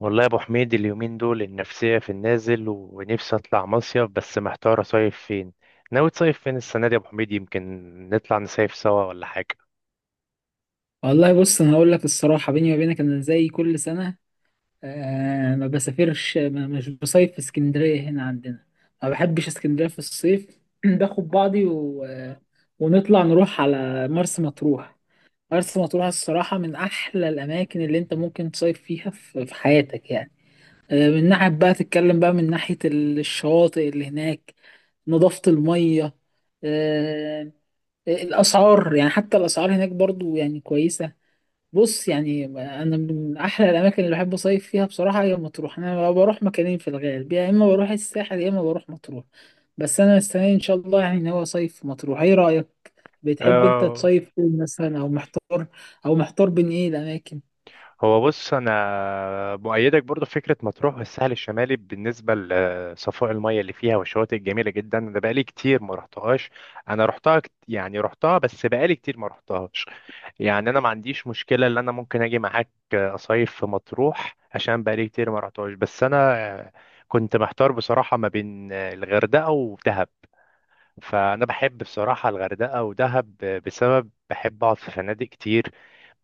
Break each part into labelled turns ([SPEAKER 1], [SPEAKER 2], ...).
[SPEAKER 1] والله يا ابو حميد اليومين دول النفسيه في النازل ونفسي اطلع مصيف، بس محتار اصيف فين. ناوي تصيف فين السنه دي يا ابو حميد؟ يمكن نطلع نصيف سوا ولا حاجه؟
[SPEAKER 2] والله، بص، انا هقول لك الصراحه، بيني وبينك، انا زي كل سنه. آه، ما بسافرش، ما مش بصيف في اسكندريه هنا عندنا. ما بحبش اسكندريه في الصيف باخد بعضي و... ونطلع نروح على مرسى مطروح. مرسى مطروح الصراحه من احلى الاماكن اللي انت ممكن تصيف فيها في حياتك يعني. آه، من ناحيه بقى تتكلم بقى من ناحيه الشواطئ اللي هناك. نظافه الميه. آه. الاسعار، يعني حتى الاسعار هناك برضو يعني كويسه. بص يعني، انا من احلى الاماكن اللي بحب اصيف فيها بصراحه هي مطروح. انا بروح مكانين في الغالب، يا اما بروح الساحل يا اما بروح مطروح. بس انا مستني ان شاء الله يعني ناوي اصيف في مطروح. ايه رايك؟ بتحب انت
[SPEAKER 1] آه،
[SPEAKER 2] تصيف فين مثلا او محتار؟ او محتار بين ايه الاماكن؟
[SPEAKER 1] هو بص، انا مؤيدك برضو في فكره مطروح والساحل الشمالي بالنسبه لصفاء المياه اللي فيها والشواطئ الجميله جدا. انا بقالي كتير ما رحتهاش. انا رحتها رحتها بس بقالي كتير ما رحتهاش. يعني انا ما عنديش مشكله ان انا ممكن اجي معاك اصيف في مطروح عشان بقالي كتير ما رحتهاش. بس انا كنت محتار بصراحه ما بين الغردقه ودهب. فأنا بحب بصراحة الغردقة ودهب، بسبب بحب أقعد في فنادق كتير،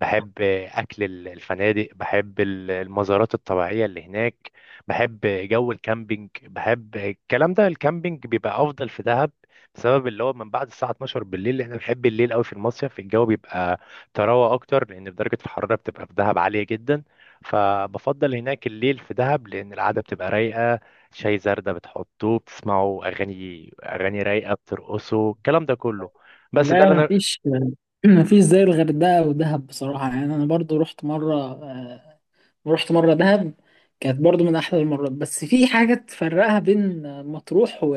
[SPEAKER 1] بحب أكل الفنادق، بحب المزارات الطبيعية اللي هناك، بحب جو الكامبينج. بحب الكلام ده. الكامبينج بيبقى أفضل في دهب، بسبب اللي هو من بعد الساعة 12 بالليل، لأن أنا بحب الليل أوي في المصيف. الجو بيبقى تروى أكتر، لأن درجة الحرارة بتبقى في دهب عالية جدا، فبفضل هناك الليل في دهب لأن القعدة بتبقى رايقة. شاي زردة بتحطوه، بتسمعوا أغاني، أغاني رايقة، بترقصوا، الكلام ده كله. بس ده
[SPEAKER 2] لا،
[SPEAKER 1] اللي أنا.
[SPEAKER 2] مفيش. مفيش زي الغردقة ودهب بصراحة. يعني أنا برضو رحت مرة، رحت مرة دهب. كانت برضو من أحلى المرات، بس في حاجة تفرقها بين مطروح و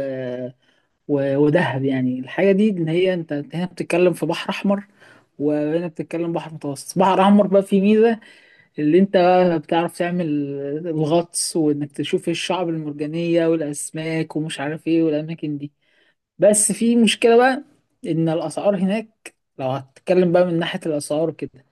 [SPEAKER 2] و- ودهب. يعني الحاجة دي اللي هي انت، هنا بتتكلم في بحر احمر، وهنا بتتكلم بحر متوسط. بحر احمر بقى فيه ميزة اللي انت بقى بتعرف تعمل الغطس، وانك تشوف ايه الشعب المرجانية والاسماك ومش عارف ايه والاماكن دي. بس في مشكلة بقى، ان الاسعار هناك، لو هتتكلم بقى من ناحية الاسعار كده،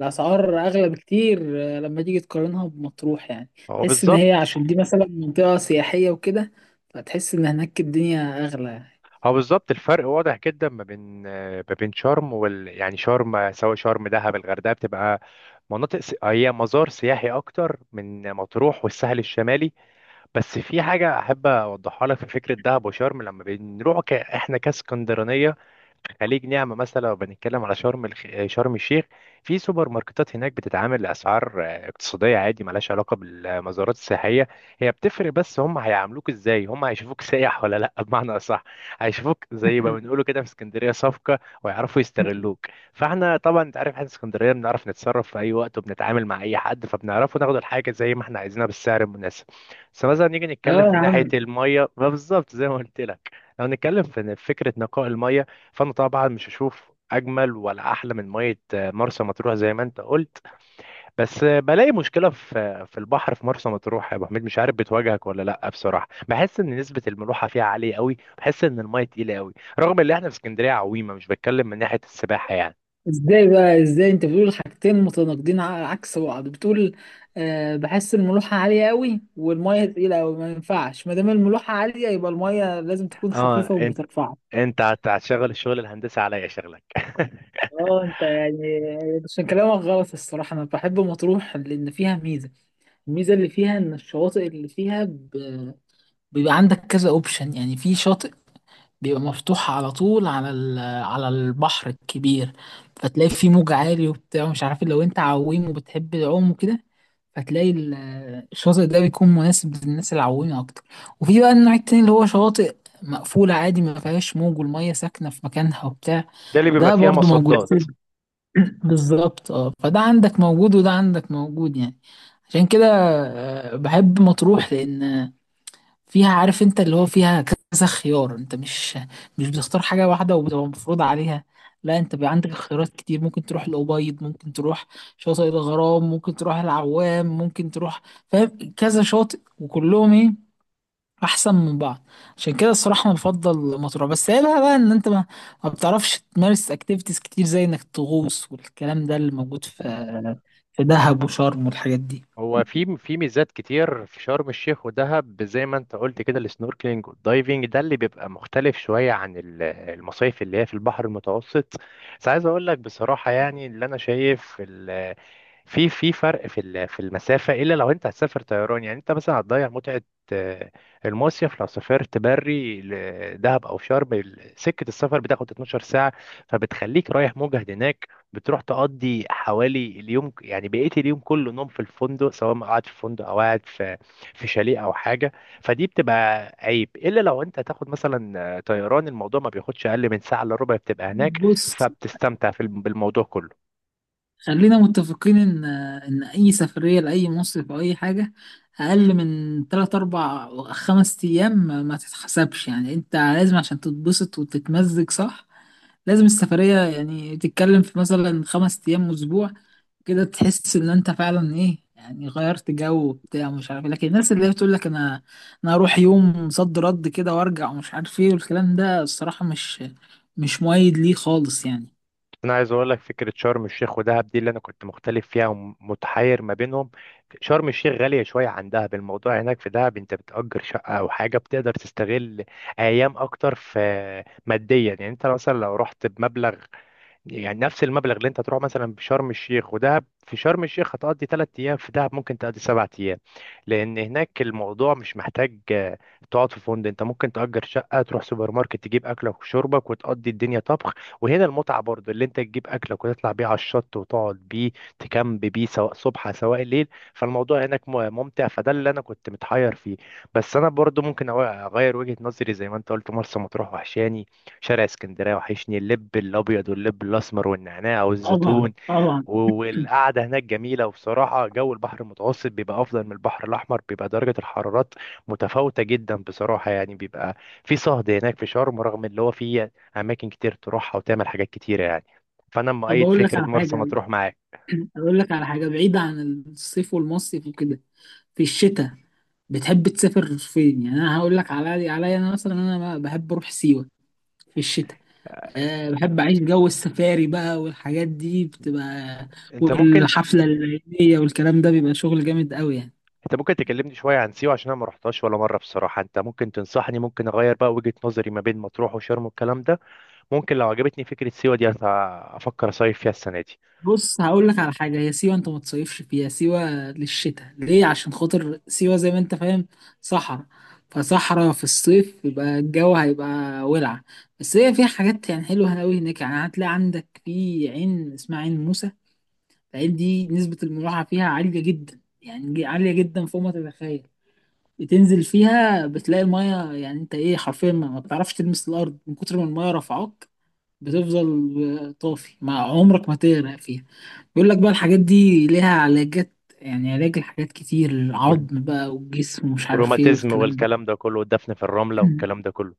[SPEAKER 2] الاسعار اغلى بكتير. لما تيجي تقارنها بمطروح يعني
[SPEAKER 1] هو
[SPEAKER 2] تحس ان هي
[SPEAKER 1] بالظبط.
[SPEAKER 2] عشان دي مثلا منطقة سياحية وكده، فتحس ان هناك الدنيا اغلى.
[SPEAKER 1] هو بالظبط الفرق واضح جدا ما بين، ما بين شرم وال، يعني شرم، سواء شرم، دهب، الغردقة، بتبقى مناطق هي مزار سياحي أكتر من مطروح والساحل الشمالي. بس في حاجة أحب أوضحها لك في فكرة دهب وشرم. لما بنروح إحنا كاسكندرانية، خليج نعمة مثلا، لو بنتكلم على شرم شرم الشيخ، في سوبر ماركتات هناك بتتعامل لأسعار اقتصادية عادي، ملهاش علاقة بالمزارات السياحية. هي بتفرق، بس هم هيعاملوك ازاي، هم هيشوفوك سايح ولا لا، بمعنى أصح هيشوفوك زي ما بنقوله كده في اسكندرية صفقة، ويعرفوا يستغلوك. فاحنا طبعا انت عارف احنا اسكندرية بنعرف نتصرف في أي وقت، وبنتعامل مع أي حد، فبنعرفه ناخد الحاجة زي ما احنا عايزينها بالسعر المناسب. بس مثلا نيجي
[SPEAKER 2] اه
[SPEAKER 1] نتكلم في
[SPEAKER 2] يا
[SPEAKER 1] ناحية
[SPEAKER 2] عم.
[SPEAKER 1] المية، ما بالظبط زي ما قلت لك. لو نتكلم في فكرة نقاء المية، فانا طبعا مش هشوف اجمل ولا احلى من ميه مرسى مطروح زي ما انت قلت. بس بلاقي مشكله في البحر في مرسى مطروح يا ابو حميد، مش عارف بتواجهك ولا لا، بصراحه بحس ان نسبه الملوحه فيها عاليه قوي، بحس ان الميه تقيله قوي، رغم ان احنا في اسكندريه عويمه، مش بتكلم من ناحيه السباحه يعني.
[SPEAKER 2] ازاي بقى، ازاي انت بتقول حاجتين متناقضين عكس بعض؟ بتقول أه بحس الملوحة عالية قوي، والمية تقيلة قوي. ما ينفعش، ما دام الملوحة عالية يبقى المية لازم تكون
[SPEAKER 1] اه
[SPEAKER 2] خفيفة
[SPEAKER 1] انت،
[SPEAKER 2] وبترفعك.
[SPEAKER 1] هتشغل الشغل الهندسي عليا شغلك
[SPEAKER 2] اه انت يعني، عشان كلامك غلط الصراحة. انا بحب مطروح لان فيها ميزة. الميزة اللي فيها ان الشواطئ اللي فيها بيبقى عندك كذا اوبشن. يعني في شاطئ بيبقى مفتوح على طول على على البحر الكبير، فتلاقي فيه موج عالي وبتاع مش عارف إيه. لو انت عويم وبتحب العوم وكده، فتلاقي الشاطئ ده بيكون مناسب للناس العويمة أكتر. وفي بقى النوع التاني اللي هو شواطئ مقفولة عادي، ما فيهاش موج والمية ساكنة في مكانها وبتاع.
[SPEAKER 1] ده اللي بيبقى
[SPEAKER 2] ده
[SPEAKER 1] فيها
[SPEAKER 2] برضو موجود.
[SPEAKER 1] مصدات.
[SPEAKER 2] بالظبط. اه، فده عندك موجود وده عندك موجود يعني. عشان كده بحب مطروح، لأن فيها، عارف، انت اللي هو فيها كذا خيار. انت مش بتختار حاجة واحدة وبتبقى مفروض عليها. لا، انت بيبقى عندك خيارات كتير. ممكن تروح الأبيض، ممكن تروح شاطئ الغرام، ممكن تروح العوام، ممكن تروح، فاهم، كذا شاطئ وكلهم ايه، احسن من بعض. عشان كده الصراحة انا بفضل مطروح. بس هي بقى ان انت ما بتعرفش تمارس اكتيفيتيز كتير زي انك تغوص والكلام ده اللي موجود في دهب وشرم والحاجات دي.
[SPEAKER 1] هو في في ميزات كتير في شرم الشيخ ودهب زي ما انت قلت كده، السنوركلينج والدايفنج، ده اللي بيبقى مختلف شوية عن المصايف اللي هي في البحر المتوسط. بس عايز اقول لك بصراحة، يعني اللي انا شايف في في فرق في في المسافة، الا لو انت هتسافر طيران. يعني انت مثلا هتضيع متعة آه، المصيف. لو سافرت بري لدهب او شرم، سكة السفر بتاخد 12 ساعة، فبتخليك رايح مجهد هناك، بتروح تقضي حوالي اليوم، يعني بقيت اليوم كله نوم في الفندق، سواء ما قاعد في فندق او قاعد في في شاليه او حاجه. فدي بتبقى عيب، الا لو انت هتاخد مثلا طيران، الموضوع ما بياخدش اقل من ساعه الا ربع بتبقى هناك،
[SPEAKER 2] بص،
[SPEAKER 1] فبتستمتع في بالموضوع كله.
[SPEAKER 2] خلينا متفقين ان اي سفريه لاي مصيف او اي حاجه اقل من 3 4 خمس ايام ما تتحسبش يعني. انت لازم عشان تتبسط وتتمزج صح لازم السفريه يعني تتكلم في مثلا خمس ايام، اسبوع، كده تحس ان انت فعلا ايه يعني غيرت جو وبتاع ومش عارف إيه. لكن الناس اللي هي بتقول لك انا هروح يوم صد رد كده وارجع ومش عارف ايه والكلام ده، الصراحه مش مؤيد ليه خالص يعني.
[SPEAKER 1] انا عايز اقول لك فكره شرم الشيخ ودهب دي اللي انا كنت مختلف فيها ومتحير ما بينهم. شرم الشيخ غاليه شويه عن دهب، الموضوع هناك في دهب انت بتأجر شقه او حاجه بتقدر تستغل ايام اكتر في، ماديا يعني. انت مثلا لو رحت بمبلغ، يعني نفس المبلغ اللي انت تروح مثلا في شرم الشيخ ودهب، في شرم الشيخ هتقضي 3 ايام، في دهب ممكن تقضي 7 ايام، لان هناك الموضوع مش محتاج تقعد في فندق. انت ممكن تأجر شقة، تروح سوبر ماركت تجيب اكلك وشربك، وتقضي الدنيا طبخ. وهنا المتعة برضو اللي انت تجيب اكلك وتطلع بيه على الشط، وتقعد بيه، تكامب بيه، سواء صبح سواء ليل. فالموضوع هناك ممتع، فده اللي انا كنت متحير فيه. بس انا برضو ممكن اغير وجهة نظري زي ما انت قلت. مرسى مطروح وحشاني، شارع اسكندريه وحشني، اللب الابيض واللب الاسمر والنعناع
[SPEAKER 2] طبعا
[SPEAKER 1] والزيتون،
[SPEAKER 2] طبعا.
[SPEAKER 1] والقعده هناك جميله. وبصراحه جو البحر المتوسط بيبقى افضل من البحر الاحمر، بيبقى درجه الحرارات متفاوته جدا بصراحه، يعني بيبقى في صهد هناك في شرم، رغم اللي هو فيه اماكن كتير تروحها وتعمل حاجات كتيره يعني. فانا
[SPEAKER 2] طب
[SPEAKER 1] مؤيد
[SPEAKER 2] أقول لك
[SPEAKER 1] فكره
[SPEAKER 2] على
[SPEAKER 1] مرسى
[SPEAKER 2] حاجة.
[SPEAKER 1] مطروح معاك.
[SPEAKER 2] أقول لك على حاجة بعيدة عن الصيف والمصيف وكده. في الشتاء، بتحب تسافر فين يعني؟ أنا هقول لك على عليا. أنا مثلا بحب أروح سيوة في الشتاء. أه بحب أعيش جو السفاري بقى والحاجات دي بتبقى،
[SPEAKER 1] انت ممكن
[SPEAKER 2] والحفلة الليلية والكلام ده بيبقى شغل جامد قوي يعني.
[SPEAKER 1] انت ممكن تكلمني شويه عن سيوه، عشان انا ما رحتهاش ولا مره بصراحه. انت ممكن تنصحني، ممكن اغير بقى وجهه نظري ما بين مطروح وشرم والكلام ده. ممكن لو عجبتني فكرة سيوة دي أفكر أصيف فيها السنة دي.
[SPEAKER 2] بص هقول لك على حاجة، هي سيوة انت ما تصيفش فيها. سيوة للشتاء ليه؟ عشان خاطر سيوة زي ما انت فاهم صحراء. فصحراء في الصيف يبقى الجو هيبقى ولع. بس هي فيها حاجات يعني حلوة قوي هناك. يعني هتلاقي عندك في عين اسمها عين موسى. العين دي نسبة الملاحة فيها عالية جدا، يعني عالية جدا فوق ما تتخيل. بتنزل فيها بتلاقي المية، يعني انت ايه، حرفيا ما بتعرفش تلمس الارض من كتر ما المية رفعاك. بتفضل طافي، مع عمرك ما تغرق فيها. بيقول لك بقى الحاجات دي ليها علاجات، يعني علاج لحاجات كتير، العظم بقى والجسم ومش عارف ايه
[SPEAKER 1] والروماتيزم
[SPEAKER 2] والكلام ده.
[SPEAKER 1] والكلام ده كله، والدفن في الرملة والكلام ده كله.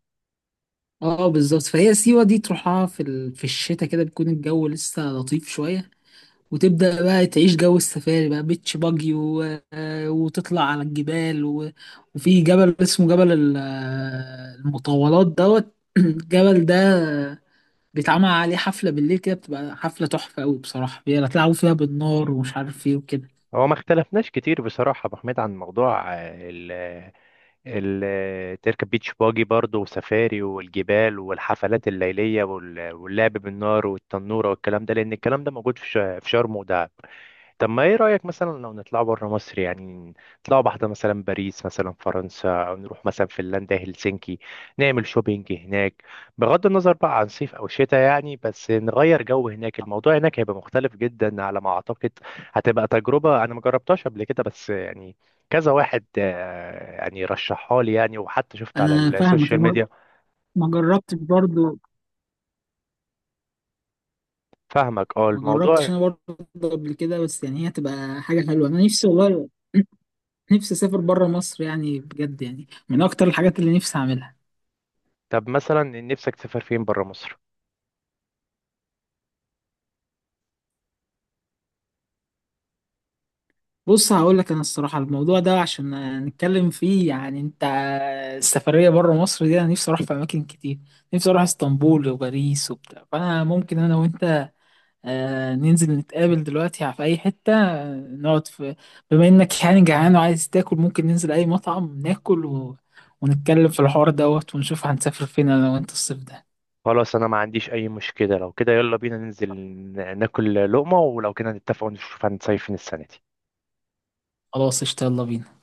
[SPEAKER 2] اه بالظبط. فهي سيوة دي تروحها في الشتاء كده بيكون الجو لسه لطيف شوية. وتبدأ بقى تعيش جو السفاري بقى، بيتش باجي، و... وتطلع على الجبال. و... وفي جبل اسمه جبل المطولات دوت. الجبل ده بيتعمل عليه حفلة بالليل كده بتبقى حفلة تحفة أوي بصراحة، بيلعبوا فيها بالنار ومش عارف ايه وكده.
[SPEAKER 1] هو ما اختلفناش كتير بصراحة يا أبو حميد عن موضوع ال تركب بيتش باجي برضه، وسفاري والجبال والحفلات الليلية واللعب بالنار والتنورة والكلام ده، لأن الكلام ده موجود في في شرم ودهب. طب ما ايه رأيك مثلا لو نطلع بره مصر يعني؟ نطلع واحدة مثلا باريس مثلا، فرنسا، او نروح مثلا فنلندا، هلسنكي، نعمل شوبينج هناك، بغض النظر بقى عن صيف او شتاء يعني، بس نغير جو. هناك الموضوع هناك هيبقى مختلف جدا على ما اعتقد. هتبقى تجربة انا ما جربتهاش قبل كده، بس يعني كذا واحد يعني رشحها لي، يعني وحتى شفت على
[SPEAKER 2] أنا فاهمك.
[SPEAKER 1] السوشيال
[SPEAKER 2] أنا
[SPEAKER 1] ميديا.
[SPEAKER 2] ما جربتش برضه.
[SPEAKER 1] فاهمك، اه
[SPEAKER 2] ما
[SPEAKER 1] الموضوع.
[SPEAKER 2] جربتش أنا برضه قبل كده، بس يعني هي تبقى حاجة حلوة. أنا نفسي والله، نفسي أسافر بره مصر يعني بجد، يعني من أكتر الحاجات اللي نفسي أعملها.
[SPEAKER 1] طب مثلا نفسك تسافر فين بره مصر؟
[SPEAKER 2] بص هقول لك، أنا الصراحة الموضوع ده عشان نتكلم فيه يعني، أنت السفرية بره مصر دي أنا نفسي أروح في أماكن كتير. نفسي أروح اسطنبول وباريس وبتاع. فأنا ممكن أنا وأنت ننزل نتقابل دلوقتي في أي حتة، نقعد في، بما إنك يعني جعان وعايز تاكل، ممكن ننزل أي مطعم ناكل، و... ونتكلم في الحوار دوت ونشوف هنسافر فين أنا وأنت الصيف ده.
[SPEAKER 1] خلاص انا ما عنديش اي مشكلة، لو كده يلا بينا ننزل ناكل لقمة، ولو كده نتفق ونشوف هنصيف فين السنة دي.
[SPEAKER 2] خلاص قشطة، يلا بينا.